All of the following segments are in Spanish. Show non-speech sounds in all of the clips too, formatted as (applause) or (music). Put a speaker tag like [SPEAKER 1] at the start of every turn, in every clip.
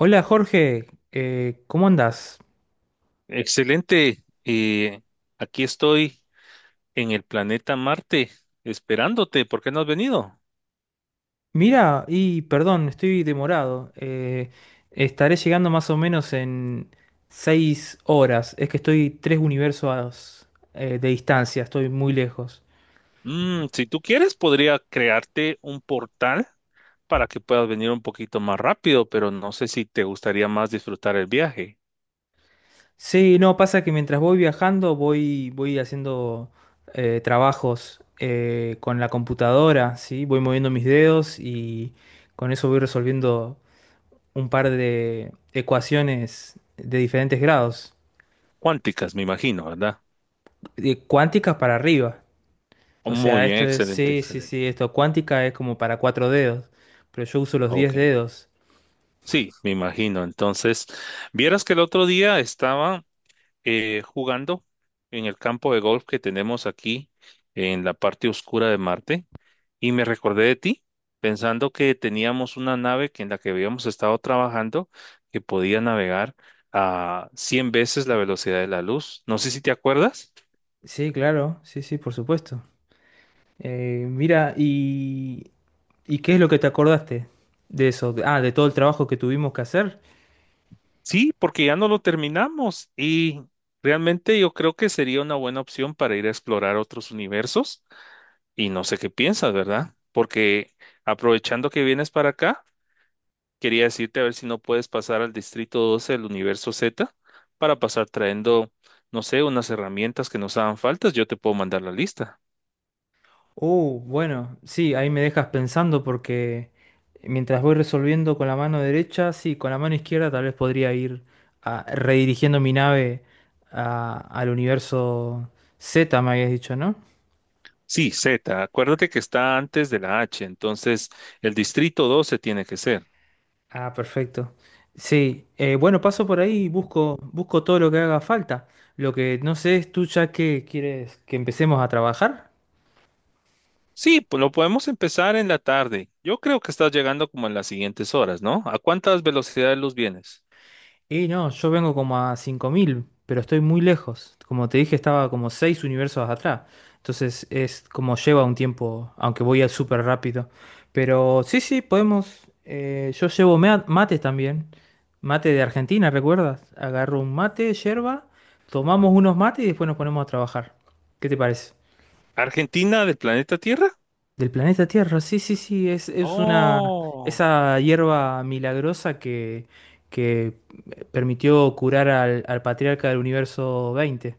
[SPEAKER 1] Hola, Jorge. ¿Cómo andás?
[SPEAKER 2] Excelente. Aquí estoy en el planeta Marte esperándote. ¿Por qué no has venido?
[SPEAKER 1] Mira, y perdón, estoy demorado. Estaré llegando más o menos en 6 horas. Es que estoy tres universos de distancia, estoy muy lejos.
[SPEAKER 2] Si tú quieres, podría crearte un portal para que puedas venir un poquito más rápido, pero no sé si te gustaría más disfrutar el viaje.
[SPEAKER 1] Sí, no, pasa que mientras voy viajando voy haciendo trabajos con la computadora, ¿sí? Voy moviendo mis dedos y con eso voy resolviendo un par de ecuaciones de diferentes grados.
[SPEAKER 2] Cuánticas, me imagino, ¿verdad?
[SPEAKER 1] De cuántica para arriba.
[SPEAKER 2] Oh,
[SPEAKER 1] O
[SPEAKER 2] muy
[SPEAKER 1] sea,
[SPEAKER 2] bien,
[SPEAKER 1] esto es,
[SPEAKER 2] excelente,
[SPEAKER 1] sí, sí,
[SPEAKER 2] excelente.
[SPEAKER 1] sí, esto cuántica es como para cuatro dedos, pero yo uso los diez
[SPEAKER 2] Ok.
[SPEAKER 1] dedos.
[SPEAKER 2] Sí, me imagino. Entonces, vieras que el otro día estaba jugando en el campo de golf que tenemos aquí en la parte oscura de Marte. Y me recordé de ti, pensando que teníamos una nave que en la que habíamos estado trabajando que podía navegar a 100 veces la velocidad de la luz. No sé si te acuerdas.
[SPEAKER 1] Sí, claro, sí, sí, por supuesto. Mira, ¿y qué es lo que te acordaste de eso? Ah, de todo el trabajo que tuvimos que hacer.
[SPEAKER 2] Sí, porque ya no lo terminamos y realmente yo creo que sería una buena opción para ir a explorar otros universos y no sé qué piensas, ¿verdad? Porque aprovechando que vienes para acá, quería decirte a ver si no puedes pasar al Distrito 12 del Universo Z para pasar trayendo, no sé, unas herramientas que nos hagan faltas. Yo te puedo mandar la lista.
[SPEAKER 1] Oh, bueno, sí, ahí me dejas pensando porque mientras voy resolviendo con la mano derecha, sí, con la mano izquierda tal vez podría ir redirigiendo mi nave al universo Z, me habías dicho, ¿no?
[SPEAKER 2] Sí, Z, acuérdate que está antes de la H, entonces el Distrito 12 tiene que ser.
[SPEAKER 1] Ah, perfecto. Sí, bueno, paso por ahí y busco todo lo que haga falta. Lo que no sé es tú ya que quieres que empecemos a trabajar.
[SPEAKER 2] Sí, pues lo podemos empezar en la tarde. Yo creo que estás llegando como en las siguientes horas, ¿no? ¿A cuántas velocidades de luz vienes?
[SPEAKER 1] Y no, yo vengo como a 5000, pero estoy muy lejos. Como te dije, estaba como 6 universos atrás. Entonces es como lleva un tiempo, aunque voy a súper rápido. Pero sí, sí, podemos. Yo llevo mates también. Mate de Argentina, ¿recuerdas? Agarro un mate, yerba, tomamos unos mates y después nos ponemos a trabajar. ¿Qué te parece?
[SPEAKER 2] ¿Argentina del planeta Tierra?
[SPEAKER 1] Del planeta Tierra, sí, sí, sí, es una,
[SPEAKER 2] Oh.
[SPEAKER 1] esa hierba milagrosa que permitió curar al patriarca del universo 20.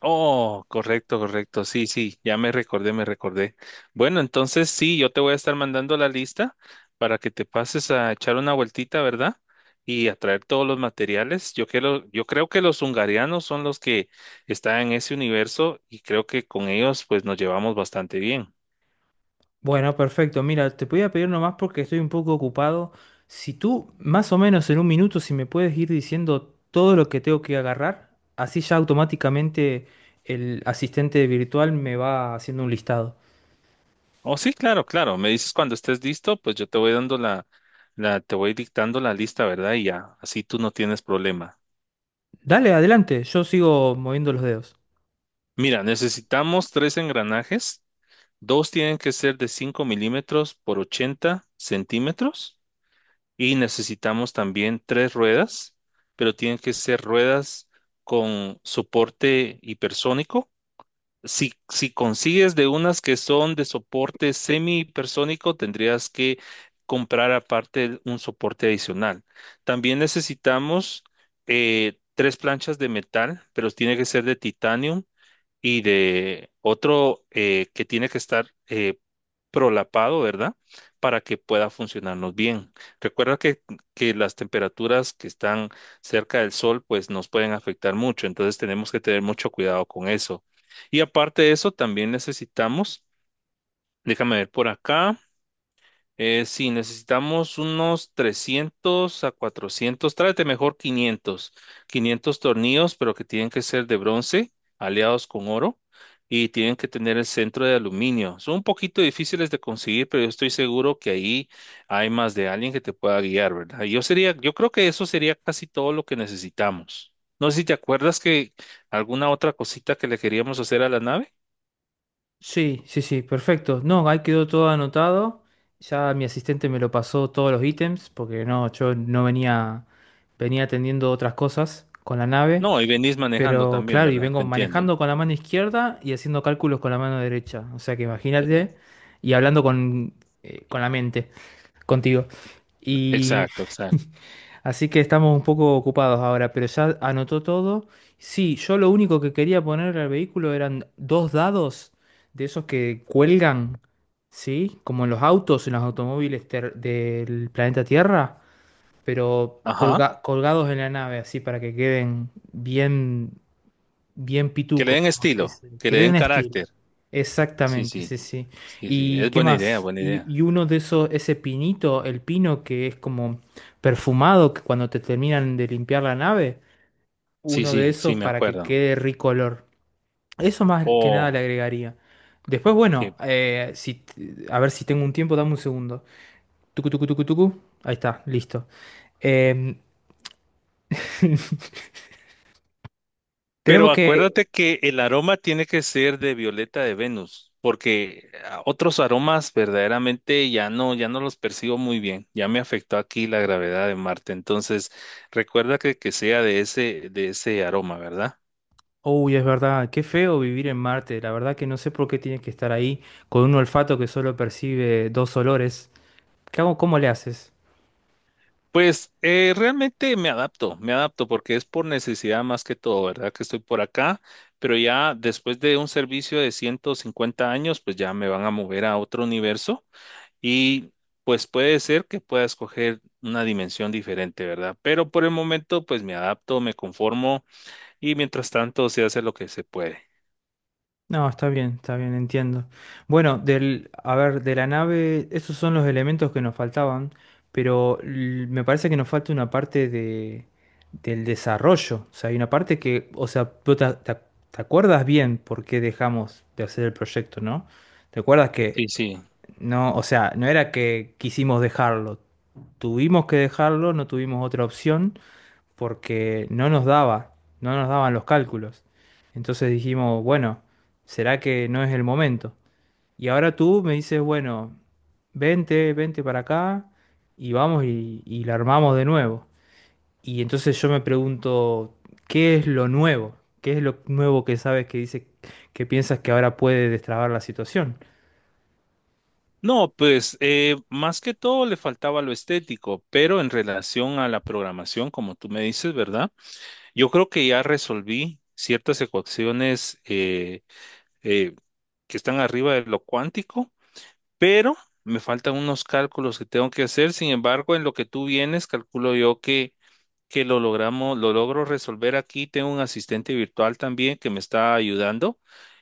[SPEAKER 2] Oh, correcto, correcto. Sí, sí, ya me recordé, me recordé. Bueno, entonces sí, yo te voy a estar mandando la lista para que te pases a echar una vueltita, ¿verdad? Y a traer todos los materiales. Yo creo que los hungarianos son los que están en ese universo y creo que con ellos pues nos llevamos bastante bien.
[SPEAKER 1] Bueno, perfecto, mira, te podía pedir nomás porque estoy un poco ocupado. Si tú, más o menos en un minuto, si me puedes ir diciendo todo lo que tengo que agarrar, así ya automáticamente el asistente virtual me va haciendo un listado.
[SPEAKER 2] Oh, sí, claro, claro. Me dices cuando estés listo, pues yo te voy dando te voy dictando la lista, ¿verdad? Y ya, así tú no tienes problema.
[SPEAKER 1] Dale, adelante, yo sigo moviendo los dedos.
[SPEAKER 2] Mira, necesitamos tres engranajes. Dos tienen que ser de 5 mm por 80 cm y necesitamos también tres ruedas, pero tienen que ser ruedas con soporte hipersónico. Si, si consigues de unas que son de soporte semi hipersónico, tendrías que comprar aparte un soporte adicional. También necesitamos tres planchas de metal, pero tiene que ser de titanio y de otro que tiene que estar prolapado, ¿verdad? Para que pueda funcionarnos bien. Recuerda que las temperaturas que están cerca del sol, pues nos pueden afectar mucho, entonces tenemos que tener mucho cuidado con eso. Y aparte de eso, también necesitamos, déjame ver por acá. Sí, necesitamos unos 300 a 400, tráete mejor 500, 500 tornillos, pero que tienen que ser de bronce, aleados con oro, y tienen que tener el centro de aluminio. Son un poquito difíciles de conseguir, pero yo estoy seguro que ahí hay más de alguien que te pueda guiar, ¿verdad? Yo sería, yo creo que eso sería casi todo lo que necesitamos. No sé si te acuerdas que alguna otra cosita que le queríamos hacer a la nave.
[SPEAKER 1] Sí, sí, sí, perfecto. No, ahí quedó todo anotado. Ya mi asistente me lo pasó todos los ítems, porque no, yo no venía atendiendo otras cosas con la nave.
[SPEAKER 2] No, y venís manejando
[SPEAKER 1] Pero
[SPEAKER 2] también,
[SPEAKER 1] claro, y
[SPEAKER 2] ¿verdad? Te
[SPEAKER 1] vengo
[SPEAKER 2] entiendo.
[SPEAKER 1] manejando con la mano izquierda y haciendo cálculos con la mano derecha. O sea que
[SPEAKER 2] Eh,
[SPEAKER 1] imagínate, y hablando con la mente, contigo. Y
[SPEAKER 2] Exacto, exacto.
[SPEAKER 1] así que estamos un poco ocupados ahora, pero ya anotó todo. Sí, yo lo único que quería poner al vehículo eran dos dados de esos que cuelgan, ¿sí? Como en los autos, en los automóviles del planeta Tierra, pero
[SPEAKER 2] Ajá.
[SPEAKER 1] colgados en la nave, así para que queden bien. Bien
[SPEAKER 2] Que le
[SPEAKER 1] pituco,
[SPEAKER 2] den
[SPEAKER 1] como se
[SPEAKER 2] estilo,
[SPEAKER 1] dice.
[SPEAKER 2] que
[SPEAKER 1] Que
[SPEAKER 2] le
[SPEAKER 1] le
[SPEAKER 2] den
[SPEAKER 1] den estilo.
[SPEAKER 2] carácter. Sí,
[SPEAKER 1] Exactamente,
[SPEAKER 2] sí,
[SPEAKER 1] sí, sí.
[SPEAKER 2] sí, sí.
[SPEAKER 1] ¿Y
[SPEAKER 2] Es
[SPEAKER 1] qué
[SPEAKER 2] buena idea,
[SPEAKER 1] más?
[SPEAKER 2] buena
[SPEAKER 1] Y,
[SPEAKER 2] idea.
[SPEAKER 1] y uno de esos, ese pinito, el pino que es como perfumado, que cuando te terminan de limpiar la nave,
[SPEAKER 2] Sí,
[SPEAKER 1] uno de
[SPEAKER 2] sí, sí,
[SPEAKER 1] esos
[SPEAKER 2] me
[SPEAKER 1] para que
[SPEAKER 2] acuerdo.
[SPEAKER 1] quede rico olor. Eso más que nada le
[SPEAKER 2] Oh,
[SPEAKER 1] agregaría. Después, bueno,
[SPEAKER 2] ok.
[SPEAKER 1] si, a ver si tengo un tiempo, dame un segundo. Tucu, tucu, tucu, tucu. Ahí está, listo. Em, (laughs)
[SPEAKER 2] Pero
[SPEAKER 1] tenemos que...
[SPEAKER 2] acuérdate que el aroma tiene que ser de violeta de Venus, porque ah, otros aromas verdaderamente ya no los percibo muy bien. Ya me afectó aquí la gravedad de Marte. Entonces, recuerda que sea de ese aroma, ¿verdad?
[SPEAKER 1] Uy, es verdad, qué feo vivir en Marte. La verdad que no sé por qué tienes que estar ahí con un olfato que solo percibe dos olores. ¿Qué hago? ¿Cómo le haces?
[SPEAKER 2] Pues realmente me adapto porque es por necesidad más que todo, ¿verdad? Que estoy por acá, pero ya después de un servicio de 150 años, pues ya me van a mover a otro universo y pues puede ser que pueda escoger una dimensión diferente, ¿verdad? Pero por el momento, pues me adapto, me conformo y mientras tanto se hace lo que se puede.
[SPEAKER 1] No, está bien, entiendo. Bueno, del, a ver, de la nave, esos son los elementos que nos faltaban, pero me parece que nos falta una parte del desarrollo. O sea, hay una parte que, o sea, tú te acuerdas bien por qué dejamos de hacer el proyecto, ¿no? ¿Te acuerdas que
[SPEAKER 2] Sí, sí.
[SPEAKER 1] no, o sea, no era que quisimos dejarlo, tuvimos que dejarlo, no tuvimos otra opción porque no nos daban los cálculos? Entonces dijimos, bueno, ¿será que no es el momento? Y ahora tú me dices, bueno, vente, vente para acá y vamos y la armamos de nuevo. Y entonces yo me pregunto, ¿qué es lo nuevo? ¿Qué es lo nuevo que sabes, que dice, que piensas que ahora puede destrabar la situación?
[SPEAKER 2] No, pues más que todo le faltaba lo estético, pero en relación a la programación, como tú me dices, ¿verdad? Yo creo que ya resolví ciertas ecuaciones eh, que están arriba de lo cuántico, pero me faltan unos cálculos que tengo que hacer. Sin embargo, en lo que tú vienes, calculo yo que lo logramos, lo logro resolver aquí. Tengo un asistente virtual también que me está ayudando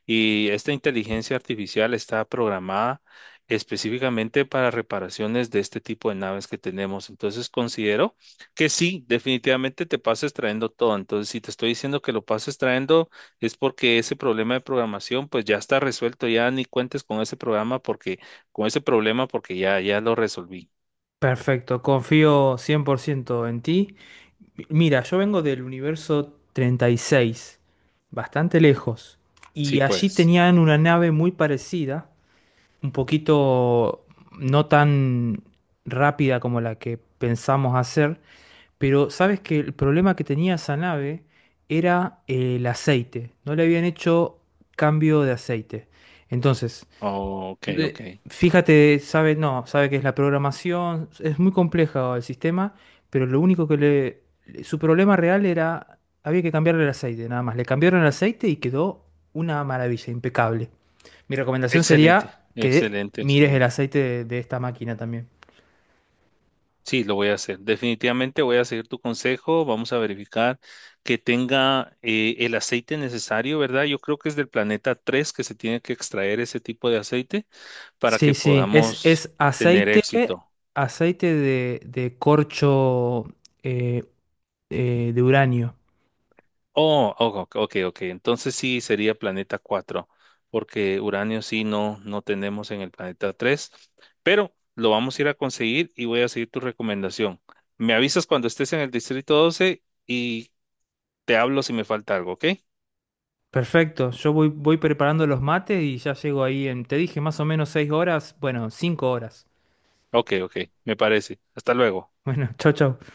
[SPEAKER 2] y esta inteligencia artificial está programada específicamente para reparaciones de este tipo de naves que tenemos. Entonces considero que sí, definitivamente te pases trayendo todo. Entonces, si te estoy diciendo que lo pases trayendo es porque ese problema de programación pues ya está resuelto, ya ni cuentes con ese programa porque con ese problema porque ya lo resolví.
[SPEAKER 1] Perfecto, confío 100% en ti. Mira, yo vengo del universo 36, bastante lejos,
[SPEAKER 2] Sí,
[SPEAKER 1] y allí
[SPEAKER 2] pues.
[SPEAKER 1] tenían una nave muy parecida, un poquito no tan rápida como la que pensamos hacer, pero sabes que el problema que tenía esa nave era el aceite, no le habían hecho cambio de aceite. Entonces,
[SPEAKER 2] Ok,
[SPEAKER 1] tú,
[SPEAKER 2] ok.
[SPEAKER 1] fíjate, sabe, no, sabe que es la programación, es muy compleja el sistema, pero lo único que su problema real era, había que cambiarle el aceite, nada más. Le cambiaron el aceite y quedó una maravilla, impecable. Mi recomendación
[SPEAKER 2] Excelente,
[SPEAKER 1] sería que
[SPEAKER 2] excelente,
[SPEAKER 1] mires el
[SPEAKER 2] excelente.
[SPEAKER 1] aceite de esta máquina también.
[SPEAKER 2] Sí, lo voy a hacer. Definitivamente voy a seguir tu consejo. Vamos a verificar que tenga el aceite necesario, ¿verdad? Yo creo que es del planeta 3 que se tiene que extraer ese tipo de aceite para que
[SPEAKER 1] Sí, sí, es,
[SPEAKER 2] podamos
[SPEAKER 1] es
[SPEAKER 2] tener éxito.
[SPEAKER 1] aceite de corcho eh, de uranio.
[SPEAKER 2] Oh, oh, ok, ok. Ok. Entonces sí sería planeta 4 porque uranio sí no, no tenemos en el planeta 3, pero lo vamos a ir a conseguir y voy a seguir tu recomendación. Me avisas cuando estés en el distrito 12 y te hablo si me falta algo, ¿ok?
[SPEAKER 1] Perfecto, yo voy preparando los mates y ya llego ahí en, te dije, más o menos 6 horas, bueno, 5 horas.
[SPEAKER 2] Ok, ok, me parece. Hasta luego.
[SPEAKER 1] Bueno, (laughs) chau, chau.